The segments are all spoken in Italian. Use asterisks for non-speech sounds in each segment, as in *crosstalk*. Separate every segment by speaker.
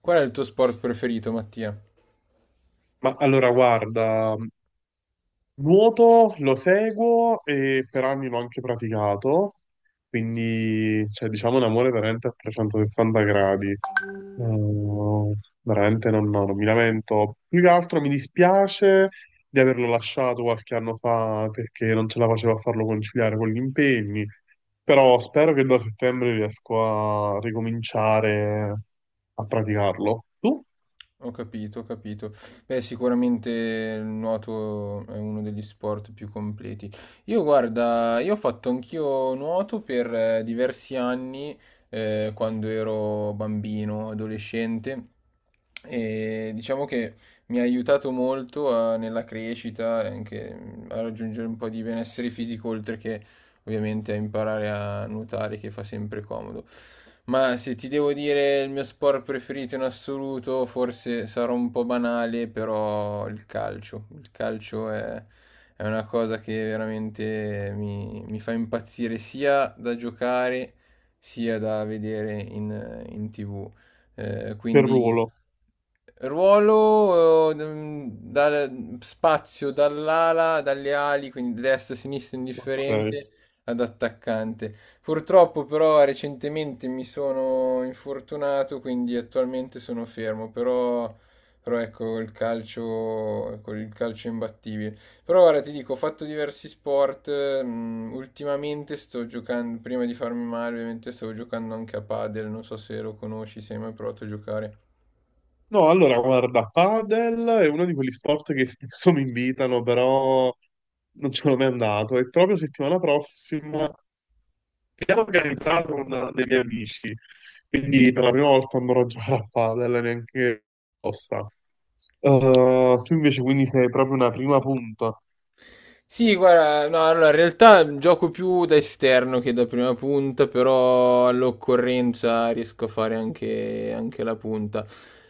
Speaker 1: Qual è il tuo sport preferito, Mattia?
Speaker 2: Ma allora, guarda, nuoto lo seguo e per anni l'ho anche praticato, quindi diciamo un amore veramente a 360 gradi. Eh, Veramente non, no, non mi lamento. Più che altro mi dispiace di averlo lasciato qualche anno fa perché non ce la facevo a farlo conciliare con gli impegni, però spero che da settembre riesco a ricominciare a praticarlo. Tu?
Speaker 1: Ho capito, ho capito. Beh, sicuramente il nuoto è uno degli sport più completi. Io, guarda, io ho fatto anch'io nuoto per diversi anni, quando ero bambino, adolescente, e diciamo che mi ha aiutato molto nella crescita, anche a raggiungere un po' di benessere fisico, oltre che ovviamente a imparare a nuotare che fa sempre comodo. Ma se ti devo dire il mio sport preferito in assoluto, forse sarò un po' banale, però il calcio. Il calcio è una cosa che veramente mi fa impazzire sia da giocare sia da vedere in TV.
Speaker 2: Per
Speaker 1: Quindi
Speaker 2: ruolo.
Speaker 1: ruolo dal spazio dalle ali, quindi destra, sinistra,
Speaker 2: Ok.
Speaker 1: indifferente ad attaccante. Purtroppo però recentemente mi sono infortunato, quindi attualmente sono fermo, però ecco il calcio, con il calcio è imbattibile. Però ora ti dico, ho fatto diversi sport, ultimamente sto giocando, prima di farmi male ovviamente stavo giocando anche a padel, non so se lo conosci, se hai mai provato a giocare.
Speaker 2: No, allora guarda, padel è uno di quegli sport che *laughs* spesso mi invitano, però non ce l'ho mai andato. E proprio settimana prossima abbiamo organizzato con dei miei amici, quindi per la prima volta andrò a giocare a padel, neanche apposta. Tu invece quindi sei proprio una prima punta.
Speaker 1: Sì, guarda, no, allora, in realtà gioco più da esterno che da prima punta, però all'occorrenza riesco a fare anche la punta.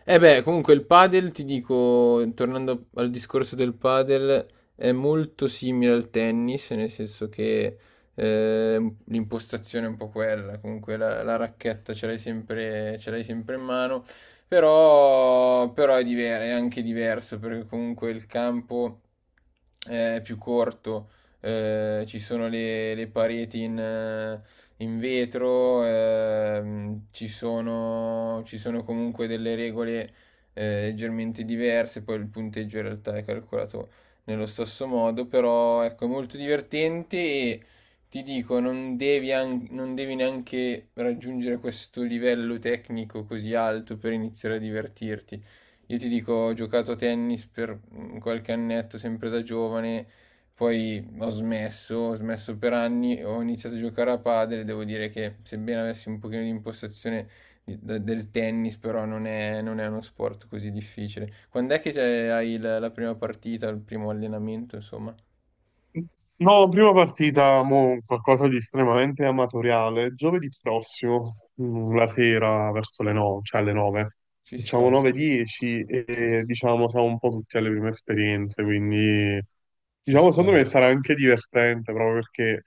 Speaker 1: E beh, comunque il padel, ti dico, tornando al discorso del padel, è molto simile al tennis, nel senso che l'impostazione è un po' quella, comunque la racchetta ce l'hai sempre in mano. Però è anche diverso perché comunque il campo è più corto, ci sono le pareti in vetro, ci sono comunque delle regole leggermente diverse, poi il punteggio in realtà è calcolato nello stesso modo, però ecco, è molto divertente e ti dico, non devi neanche raggiungere questo livello tecnico così alto per iniziare a divertirti. Io ti dico, ho giocato a tennis per qualche annetto, sempre da giovane, poi ho smesso per anni, ho iniziato a giocare a padel, devo dire che sebbene avessi un pochino di impostazione del tennis, però non è uno sport così difficile. Quando è che hai la prima partita, il primo allenamento, insomma?
Speaker 2: No, prima partita, mo, qualcosa di estremamente amatoriale. Giovedì prossimo, la sera verso le 9, cioè alle 9.
Speaker 1: Ci sta,
Speaker 2: Facciamo 9-10 e diciamo siamo un po' tutti alle prime esperienze, quindi
Speaker 1: ci
Speaker 2: diciamo
Speaker 1: sta.
Speaker 2: secondo me sarà anche divertente proprio perché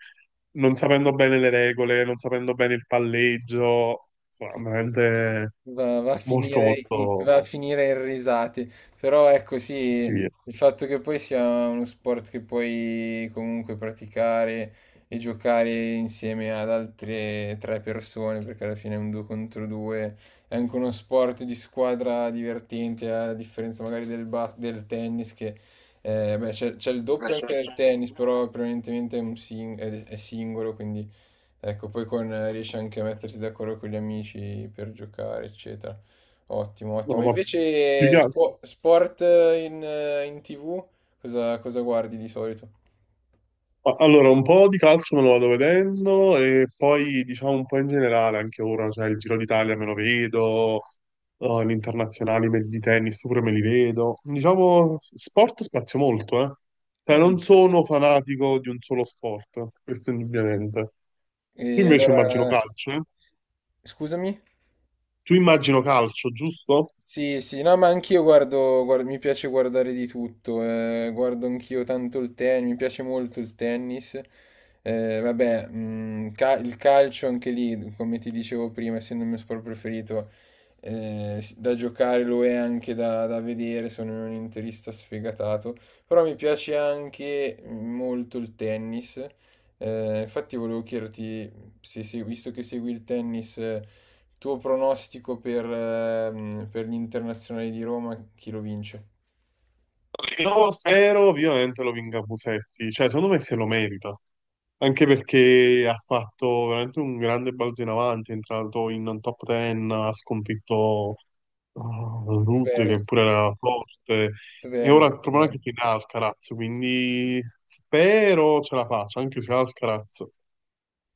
Speaker 2: non sapendo bene le regole, non sapendo bene il palleggio, sarà veramente
Speaker 1: Va a
Speaker 2: molto
Speaker 1: finire,
Speaker 2: molto
Speaker 1: va a finire in risate, però ecco sì,
Speaker 2: sì.
Speaker 1: il fatto che poi sia uno sport che puoi comunque praticare e giocare insieme ad altre tre persone, perché alla fine è un due contro due, è anche uno sport di squadra divertente, a differenza magari del tennis, che beh, c'è il doppio anche nel tennis, però prevalentemente è singolo, quindi... Ecco, poi riesci anche a metterti d'accordo con gli amici per giocare, eccetera. Ottimo,
Speaker 2: No,
Speaker 1: ottimo.
Speaker 2: ma più
Speaker 1: Invece
Speaker 2: che...
Speaker 1: sport in TV, cosa guardi di solito?
Speaker 2: Ma allora, un po' di calcio me lo vado vedendo e poi diciamo un po' in generale anche ora, cioè il Giro d'Italia me lo vedo, gli internazionali di tennis pure me li vedo. Diciamo, sport spazio molto, eh. Cioè,
Speaker 1: Mm.
Speaker 2: non sono fanatico di un solo sport, questo indubbiamente.
Speaker 1: E
Speaker 2: Tu invece immagino
Speaker 1: allora,
Speaker 2: calcio, eh?
Speaker 1: scusami?
Speaker 2: Tu immagino calcio, giusto?
Speaker 1: Sì, sì, no, ma anch'io mi piace guardare di tutto, guardo anch'io tanto il tennis, mi piace molto il tennis, vabbè, il calcio anche lì, come ti dicevo prima, essendo il mio sport preferito, da giocare lo è anche da vedere, sono un interista sfegatato, però mi piace anche molto il tennis, infatti volevo chiederti, se segui- visto che segui il tennis... Tuo pronostico per gli internazionali di Roma, chi lo vince?
Speaker 2: Io spero ovviamente lo vinca Musetti, cioè secondo me se lo merita. Anche perché ha fatto veramente un grande balzo in avanti, è entrato in top 10, ha sconfitto Rude,
Speaker 1: Zverev,
Speaker 2: che pure era forte, e
Speaker 1: Zverev,
Speaker 2: ora il problema è
Speaker 1: Zverev.
Speaker 2: che tiene Alcaraz, quindi spero ce la faccia, anche se Alcaraz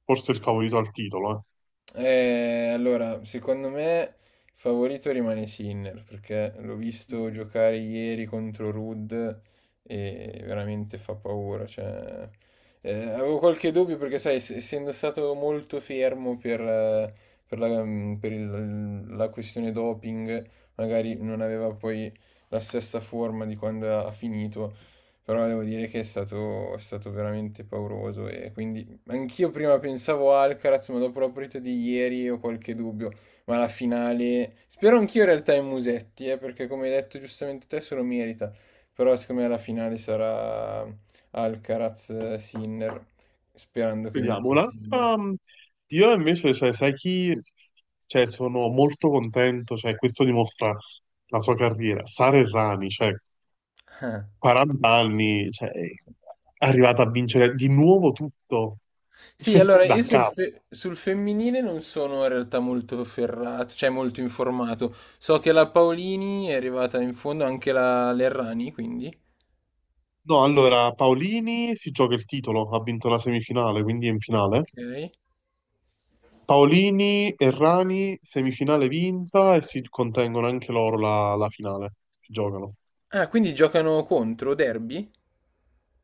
Speaker 2: forse è il favorito al titolo.
Speaker 1: Allora, secondo me il favorito rimane Sinner perché l'ho
Speaker 2: Eh.
Speaker 1: visto giocare ieri contro Rudd e veramente fa paura. Cioè, avevo qualche dubbio perché, sai, essendo stato molto fermo per per la questione doping, magari non aveva poi la stessa forma di quando ha finito, però devo dire che è stato veramente pauroso e quindi. Anch'io prima pensavo Alcaraz, ma dopo la partita di ieri ho qualche dubbio. Ma la finale. Spero anch'io in realtà in Musetti, perché come hai detto giustamente te, se lo merita. Però secondo me la finale sarà Alcaraz-Sinner, sperando che
Speaker 2: Vediamo,
Speaker 1: vinca Sinner.
Speaker 2: un'altra... Io invece, cioè, sai chi... Cioè, sono molto contento, cioè, questo dimostra la sua carriera. Sara Errani, cioè, 40 anni, cioè,
Speaker 1: *laughs*
Speaker 2: è arrivata a vincere di nuovo tutto
Speaker 1: Sì,
Speaker 2: *laughs*
Speaker 1: allora io
Speaker 2: da capo.
Speaker 1: sul femminile non sono in realtà molto ferrato, cioè molto informato. So che la Paolini è arrivata in fondo, anche la Lerrani, quindi.
Speaker 2: No, allora Paolini si gioca il titolo, ha vinto la semifinale, quindi è in finale.
Speaker 1: Ok.
Speaker 2: Paolini e Rani, semifinale vinta e si contengono anche loro la finale. Si giocano.
Speaker 1: Ah, quindi giocano contro, derby?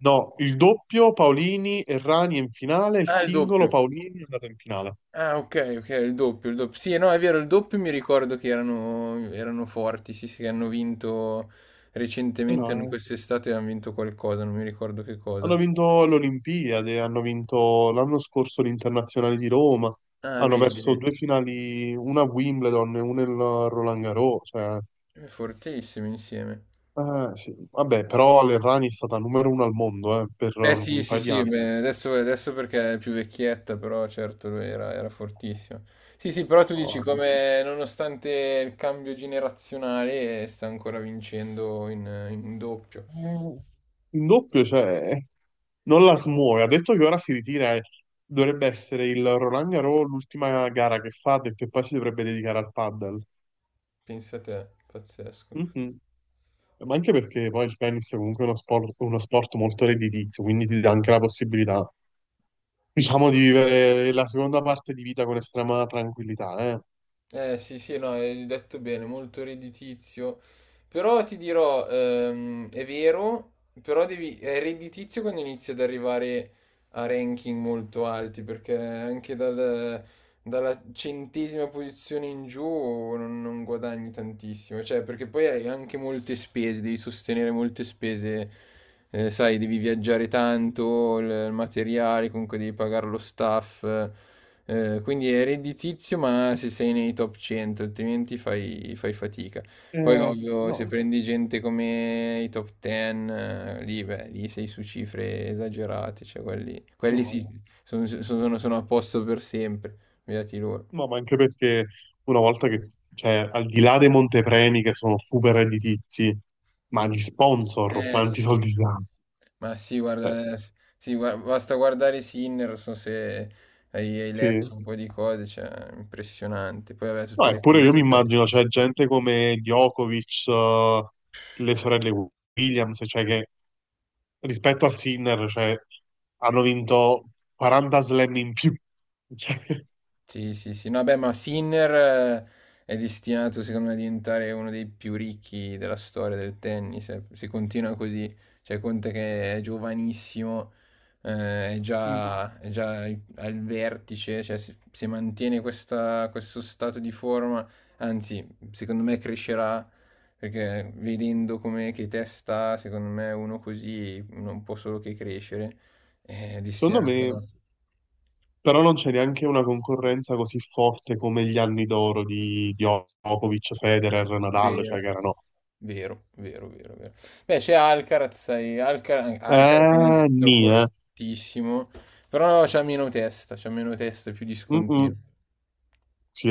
Speaker 2: No, il doppio Paolini e Rani è in finale, il
Speaker 1: Ah, il
Speaker 2: singolo
Speaker 1: doppio.
Speaker 2: Paolini è andato in finale.
Speaker 1: Ah, ok, ok, il doppio, il doppio. Sì, no, è vero, il doppio mi ricordo che erano forti, sì, sì, che hanno vinto
Speaker 2: Eh
Speaker 1: recentemente,
Speaker 2: no,
Speaker 1: quest'estate hanno vinto qualcosa, non mi ricordo che cosa.
Speaker 2: hanno vinto l'Olimpiade, hanno vinto l'anno scorso l'Internazionale di Roma,
Speaker 1: Ah,
Speaker 2: hanno
Speaker 1: vedi,
Speaker 2: perso
Speaker 1: vedi.
Speaker 2: due finali, una a Wimbledon e una a Roland Garros. Cioè,
Speaker 1: Fortissimi insieme.
Speaker 2: sì. Vabbè, però l'Errani è stata numero uno al mondo per
Speaker 1: Beh sì,
Speaker 2: un
Speaker 1: sì,
Speaker 2: paio di
Speaker 1: sì,
Speaker 2: anni.
Speaker 1: beh, adesso, adesso perché è più vecchietta, però certo lui era, era fortissimo. Sì, sì, però tu dici
Speaker 2: Eh,
Speaker 1: come nonostante il cambio generazionale sta ancora vincendo in doppio.
Speaker 2: In doppio, cioè, non la smuove. Ha detto che ora si ritira. E dovrebbe essere il Roland Garros l'ultima gara che fa, ha detto che poi si dovrebbe dedicare al paddle.
Speaker 1: Pensa te, pazzesco.
Speaker 2: Mhm. Ma anche perché poi il tennis è comunque uno sport molto redditizio, quindi ti dà anche la possibilità, diciamo, di vivere la seconda parte di vita con estrema tranquillità, eh.
Speaker 1: Eh sì, sì, no, hai detto bene, molto redditizio. Però ti dirò, è vero, però devi, è redditizio quando inizi ad arrivare a ranking molto alti, perché anche dal... dalla centesima posizione in giù non guadagni tantissimo, cioè perché poi hai anche molte spese, devi sostenere molte spese, sai, devi viaggiare tanto, il materiale, comunque devi pagare lo staff, quindi è redditizio ma se sei nei top 100, altrimenti fai, fai fatica. Poi
Speaker 2: Eh,
Speaker 1: ovvio, se
Speaker 2: no,
Speaker 1: prendi gente come i top 10, lì, beh, lì sei su cifre esagerate, cioè quelli
Speaker 2: no,
Speaker 1: sì,
Speaker 2: eh.
Speaker 1: sono a posto per sempre. Beati loro.
Speaker 2: No, ma anche perché una volta che, cioè, al di là dei montepremi che sono super redditizi, ma gli sponsor,
Speaker 1: Eh
Speaker 2: quanti
Speaker 1: sì,
Speaker 2: soldi ti danno?
Speaker 1: ma sì,
Speaker 2: Cioè,
Speaker 1: guarda, sì, basta guardare Sinner, non so se hai
Speaker 2: sì.
Speaker 1: letto un po' di cose, cioè, impressionante. Poi vabbè,
Speaker 2: No,
Speaker 1: tutte le
Speaker 2: eppure io mi
Speaker 1: pubblicità che
Speaker 2: immagino,
Speaker 1: stanno.
Speaker 2: c'è gente come Djokovic, le sorelle Williams, cioè che rispetto a Sinner, cioè, hanno vinto 40 slam in più. *laughs* Cioè,
Speaker 1: Sì, sì, sì. No, beh, ma Sinner è destinato, secondo me, a diventare uno dei più ricchi della storia del tennis. Eh. Se continua così, cioè, conta che è giovanissimo,
Speaker 2: mm,
Speaker 1: è già al vertice, cioè, se mantiene questo stato di forma, anzi, secondo me crescerà, perché vedendo come che testa, secondo me, uno così non può solo che crescere. È
Speaker 2: secondo
Speaker 1: destinato...
Speaker 2: me, però non c'è neanche una concorrenza così forte come gli anni d'oro di Djokovic, Federer, Nadal, cioè
Speaker 1: Vero.
Speaker 2: che erano...
Speaker 1: Vero, vero, vero, vero. Beh, c'è Alcaraz, e Alcaraz è un altro
Speaker 2: Nì, eh.
Speaker 1: fortissimo, però c'ha meno testa, più
Speaker 2: Mm, mm.
Speaker 1: discontinuo.
Speaker 2: Sì,